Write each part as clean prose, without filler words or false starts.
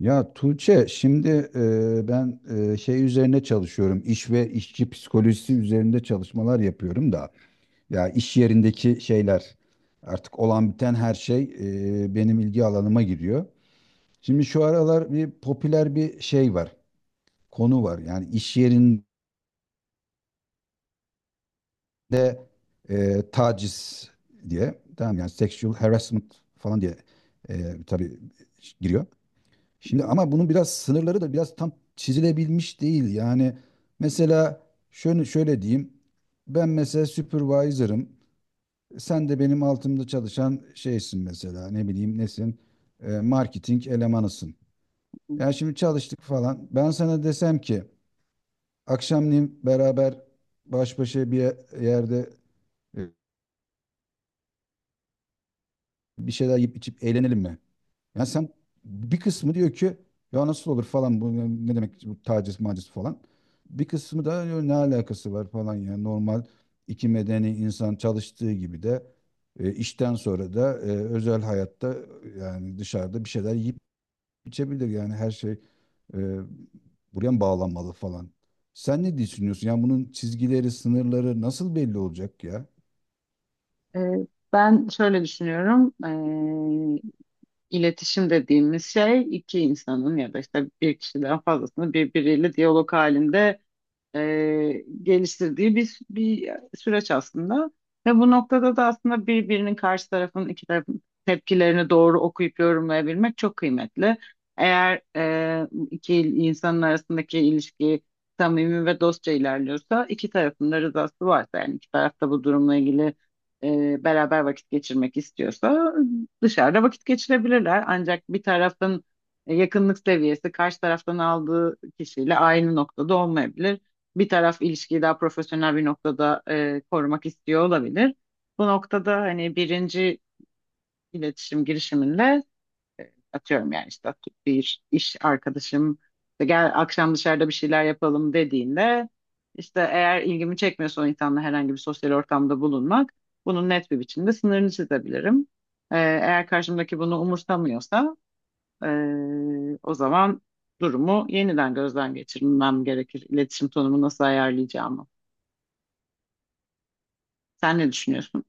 Ya Tuğçe, şimdi ben şey üzerine çalışıyorum. İş ve işçi psikolojisi üzerinde çalışmalar yapıyorum da ya iş yerindeki şeyler, artık olan biten her şey benim ilgi alanıma giriyor. Şimdi şu aralar bir popüler bir şey var. Konu var. Yani iş yerinde taciz diye, tamam yani sexual harassment falan diye tabii giriyor. Şimdi ama bunun biraz sınırları da biraz tam çizilebilmiş değil. Yani mesela şöyle diyeyim. Ben mesela supervisor'ım. Sen de benim altımda çalışan şeysin mesela. Ne bileyim nesin? Marketing elemanısın. Yani şimdi çalıştık falan. Ben sana desem ki akşamleyin beraber baş başa bir yerde bir şeyler yiyip içip eğlenelim mi? Ya sen, bir kısmı diyor ki ya nasıl olur falan, bu ne demek bu taciz maciz falan. Bir kısmı da "Ya ne alakası var falan, yani normal iki medeni insan çalıştığı gibi de işten sonra da özel hayatta, yani dışarıda bir şeyler yiyip içebilir, yani her şey e, buraya mı bağlanmalı falan. Sen ne düşünüyorsun? Yani bunun çizgileri, sınırları nasıl belli olacak ya? Ee, Ben şöyle düşünüyorum. Ee, iletişim dediğimiz şey iki insanın ya da işte bir kişiden fazlasının birbiriyle diyalog halinde geliştirdiği bir süreç aslında. Ve bu noktada da aslında birbirinin karşı tarafın iki tarafın tepkilerini doğru okuyup yorumlayabilmek çok kıymetli. Eğer iki insanın arasındaki ilişki samimi ve dostça ilerliyorsa, iki tarafın da rızası varsa, yani iki taraf da bu durumla ilgili beraber vakit geçirmek istiyorsa dışarıda vakit geçirebilirler. Ancak bir tarafın yakınlık seviyesi karşı taraftan aldığı kişiyle aynı noktada olmayabilir, bir taraf ilişkiyi daha profesyonel bir noktada korumak istiyor olabilir. Bu noktada hani birinci iletişim girişiminle, atıyorum yani, işte bir iş arkadaşım işte gel akşam dışarıda bir şeyler yapalım dediğinde, işte eğer ilgimi çekmiyorsa o insanla herhangi bir sosyal ortamda bulunmak, bunun net bir biçimde sınırını çizebilirim. Eğer karşımdaki bunu umursamıyorsa, e, o zaman durumu yeniden gözden geçirmem gerekir. İletişim tonumu nasıl ayarlayacağımı. Sen ne düşünüyorsun?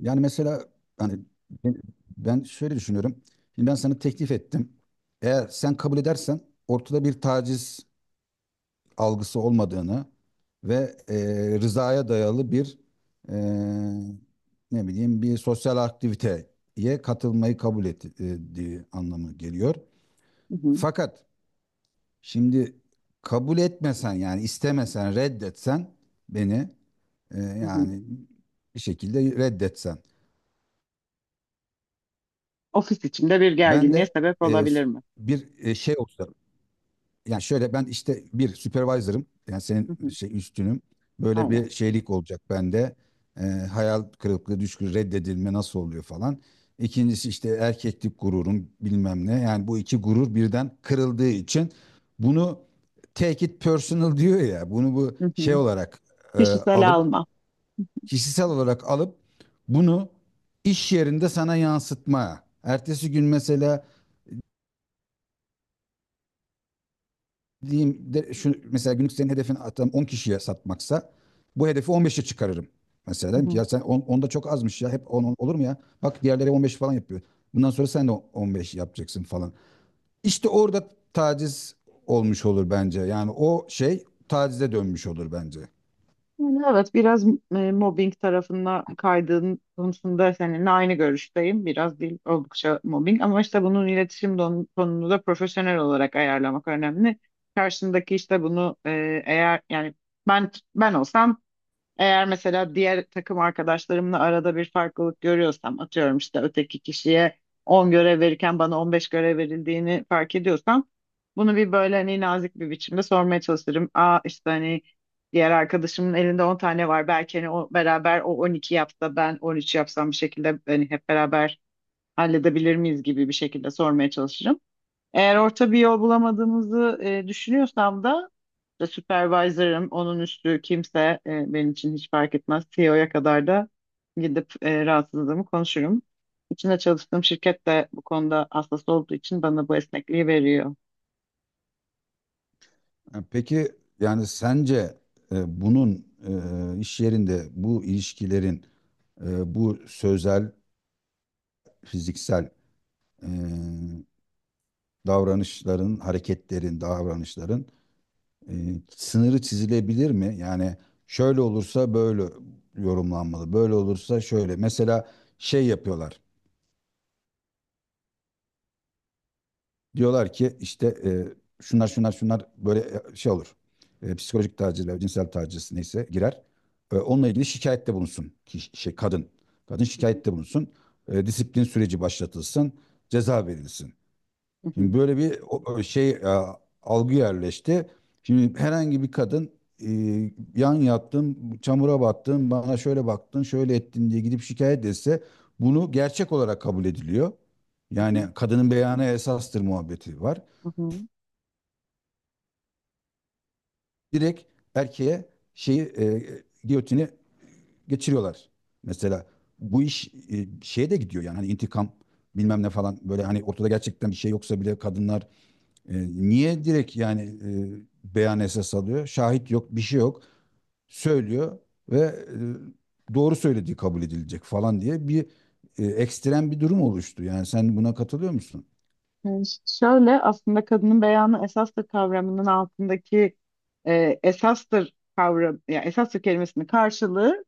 Yani mesela hani ben ben şöyle düşünüyorum. Şimdi ben sana teklif ettim. Eğer sen kabul edersen, ortada bir taciz algısı olmadığını ve rızaya dayalı bir e, ne bileyim bir sosyal aktiviteye katılmayı kabul ettiği anlamı geliyor. Hı hı, Fakat şimdi kabul etmesen, yani istemesen, reddetsen, beni e, hı hı. yani bir şekilde reddetsen. Ofis içinde bir Ben gerginliğe de sebep e, olabilir mi? bir şey olsa, yani şöyle, ben işte bir supervisor'ım, yani Hı senin hı, şey üstünüm, böyle aynen. bir şeylik olacak bende. Hayal kırıklığı reddedilme nasıl oluyor falan. İkincisi işte erkeklik gururum bilmem ne, yani bu iki gurur birden kırıldığı için bunu, take it personal diyor ya, bunu bu Hı şey hı. olarak e, Kişisel alıp, alma. kişisel olarak alıp bunu iş yerinde sana yansıtma. Ertesi gün mesela, diyeyim de şu mesela, günlük senin hedefin atıyorum 10 kişiye satmaksa bu hedefi 15'e çıkarırım. Mesela Hı dedim ki hı. ya sen 10, 10 da çok azmış, ya hep 10, 10 olur mu ya? Bak diğerleri 15 falan yapıyor. Bundan sonra sen de 15 yapacaksın falan. İşte orada taciz olmuş olur bence. Yani o şey tacize dönmüş olur bence. Yani evet, biraz mobbing tarafına kaydığın konusunda seninle aynı görüşteyim. Biraz değil, oldukça mobbing, ama işte bunun iletişim tonunu da profesyonel olarak ayarlamak önemli. Karşındaki işte bunu, eğer yani ben ben olsam, eğer mesela diğer takım arkadaşlarımla arada bir farklılık görüyorsam, atıyorum işte öteki kişiye 10 görev verirken bana 15 görev verildiğini fark ediyorsam, bunu bir böyle hani nazik bir biçimde sormaya çalışırım. Aa, işte hani diğer arkadaşımın elinde 10 tane var, belki hani o beraber o 12 yapsa ben 13 yapsam, bir şekilde hani hep beraber halledebilir miyiz gibi bir şekilde sormaya çalışırım. Eğer orta bir yol bulamadığımızı düşünüyorsam da, işte supervisor'ım, onun üstü kimse, benim için hiç fark etmez. CEO'ya kadar da gidip rahatsızlığımı konuşurum. İçinde çalıştığım şirket de bu konuda hassas olduğu için bana bu esnekliği veriyor. Ha, peki yani sence bunun iş yerinde bu ilişkilerin bu sözel, fiziksel e, davranışların, hareketlerin, davranışların e, sınırı çizilebilir mi? Yani şöyle olursa böyle yorumlanmalı, böyle olursa şöyle. Mesela şey yapıyorlar. Diyorlar ki işte şunlar şunlar şunlar böyle şey olur. Psikolojik taciz ve cinsel taciz neyse girer. Onunla ilgili şikayette bulunsun ki şey kadın. Kadın şikayette bulunsun. Disiplin süreci başlatılsın. Ceza verilsin. Hı hı, Şimdi böyle bir o şey algı yerleşti. Şimdi herhangi bir kadın e, yan yattın, çamura battın, bana şöyle baktın, şöyle ettin diye gidip şikayet etse bunu gerçek olarak kabul ediliyor. hı hı, Yani kadının beyanı esastır muhabbeti var. hı hı. Direkt erkeğe şeyi giyotini geçiriyorlar. Mesela bu iş şeye de gidiyor, yani hani intikam bilmem ne falan, böyle hani ortada gerçekten bir şey yoksa bile kadınlar. E, Niye direkt yani beyan esas alıyor? Şahit yok, bir şey yok. Söylüyor ve doğru söylediği kabul edilecek falan diye bir ekstrem bir durum oluştu. Yani sen buna katılıyor musun? Yani şöyle, aslında kadının beyanı esastır kavramının altındaki esastır kavram, ya esastır kelimesinin karşılığı,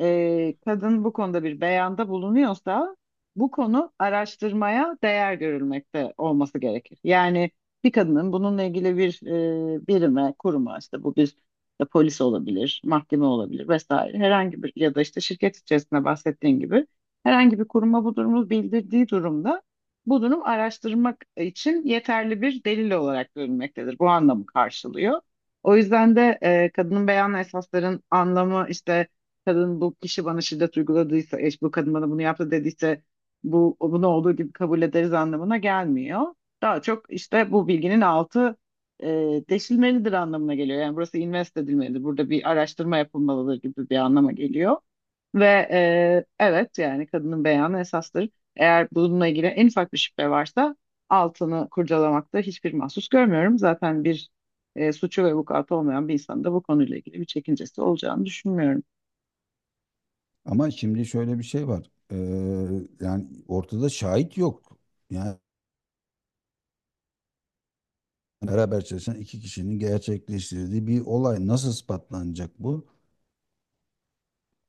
kadın bu konuda bir beyanda bulunuyorsa bu konu araştırmaya değer görülmekte olması gerekir. Yani bir kadının bununla ilgili bir birime, kuruma, işte bu bir polis olabilir, mahkeme olabilir vesaire herhangi bir, ya da işte şirket içerisinde bahsettiğin gibi herhangi bir kuruma bu durumu bildirdiği durumda, bu durum araştırmak için yeterli bir delil olarak görülmektedir. Bu anlamı karşılıyor. O yüzden de kadının beyan esasların anlamı, işte kadın bu kişi bana şiddet uyguladıysa, eş bu kadın bana bunu yaptı dediyse, bu bunu olduğu gibi kabul ederiz anlamına gelmiyor. Daha çok işte bu bilginin altı e, deşilmelidir anlamına geliyor. Yani burası invest edilmelidir. Burada bir araştırma yapılmalıdır gibi bir anlama geliyor. Ve evet, yani kadının beyanı esastır. Eğer bununla ilgili en ufak bir şüphe varsa altını kurcalamakta hiçbir mahsus görmüyorum. Zaten bir suçu ve vukuatı olmayan bir insanın da bu konuyla ilgili bir çekincesi olacağını düşünmüyorum. Ama şimdi şöyle bir şey var. Yani ortada şahit yok. Yani beraber çalışan iki kişinin gerçekleştirdiği bir olay nasıl ispatlanacak bu?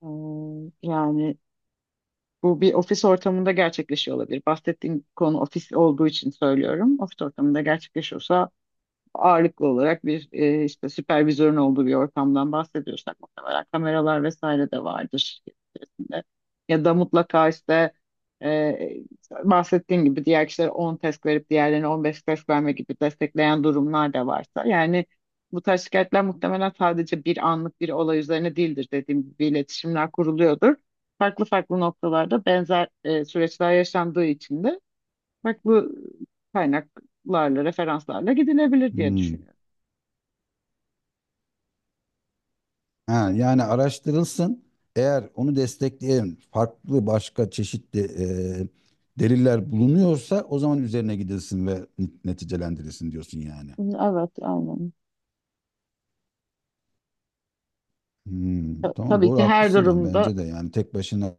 Hmm, yani bu bir ofis ortamında gerçekleşiyor olabilir. Bahsettiğim konu ofis olduğu için söylüyorum. Ofis ortamında gerçekleşiyorsa, ağırlıklı olarak bir işte süpervizörün olduğu bir ortamdan bahsediyorsak, muhtemelen kameralar vesaire de vardır içinde. Ya da mutlaka işte, e, bahsettiğim gibi diğer kişilere 10 test verip diğerlerine 15 test verme gibi destekleyen durumlar da varsa. Yani bu tarz şikayetler muhtemelen sadece bir anlık bir olay üzerine değildir, dediğim gibi iletişimler kuruluyordur. Farklı farklı noktalarda benzer süreçler yaşandığı için de farklı kaynaklarla, referanslarla gidilebilir diye Hmm. düşünüyorum. Ha, yani araştırılsın. Eğer onu destekleyen farklı başka çeşitli e, deliller bulunuyorsa o zaman üzerine gidilsin ve neticelendirilsin diyorsun yani. Evet, aynen. Hmm, tamam, Tabii doğru, ki her haklısın. Yani durumda, bence de yani tek başına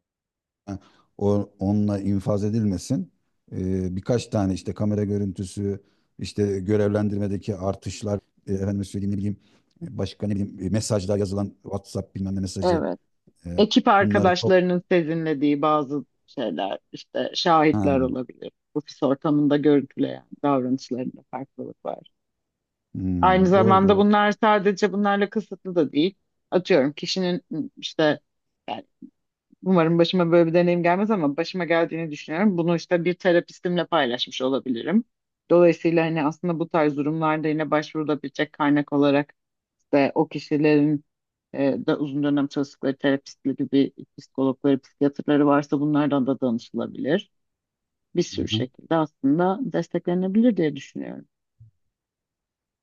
o, onunla infaz edilmesin. Birkaç tane işte kamera görüntüsü, işte görevlendirmedeki artışlar, efendime söyleyeyim ne bileyim, başka ne bileyim mesajlar, yazılan WhatsApp bilmem ne mesajı evet, e, ekip bunları arkadaşlarının sezinlediği bazı şeyler, işte topla. şahitler olabilir. Ofis ortamında görüntüleyen davranışlarında farklılık var. Aynı Hmm, doğru zamanda doğru. bunlar sadece bunlarla kısıtlı da değil. Atıyorum kişinin işte, e, umarım başıma böyle bir deneyim gelmez ama başıma geldiğini düşünüyorum. Bunu işte bir terapistimle paylaşmış olabilirim. Dolayısıyla hani aslında bu tarz durumlarda yine başvurulabilecek kaynak olarak işte o kişilerin da uzun dönem çalıştıkları terapistli gibi psikologları, psikiyatrları varsa bunlardan da danışılabilir. Bir Hı sürü hı. şekilde aslında desteklenebilir diye düşünüyorum.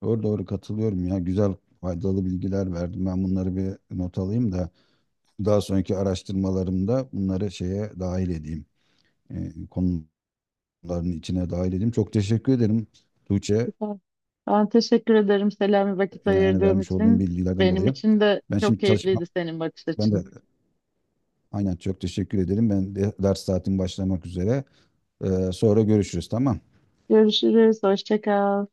Doğru doğru, katılıyorum ya. Güzel, faydalı bilgiler verdim. Ben bunları bir not alayım da daha sonraki araştırmalarımda bunları şeye dahil edeyim. Konuların içine dahil edeyim. Çok teşekkür ederim Tuğçe. Süper. Ben teşekkür ederim Selami, vakit Yani ayırdığın vermiş olduğum için. bilgilerden Benim dolayı. için de Ben çok şimdi keyifliydi çalışmam. senin bakış Ben açın. de aynen çok teşekkür ederim. Ben de ders saatim başlamak üzere. Sonra görüşürüz, tamam. Görüşürüz. Hoşça kal.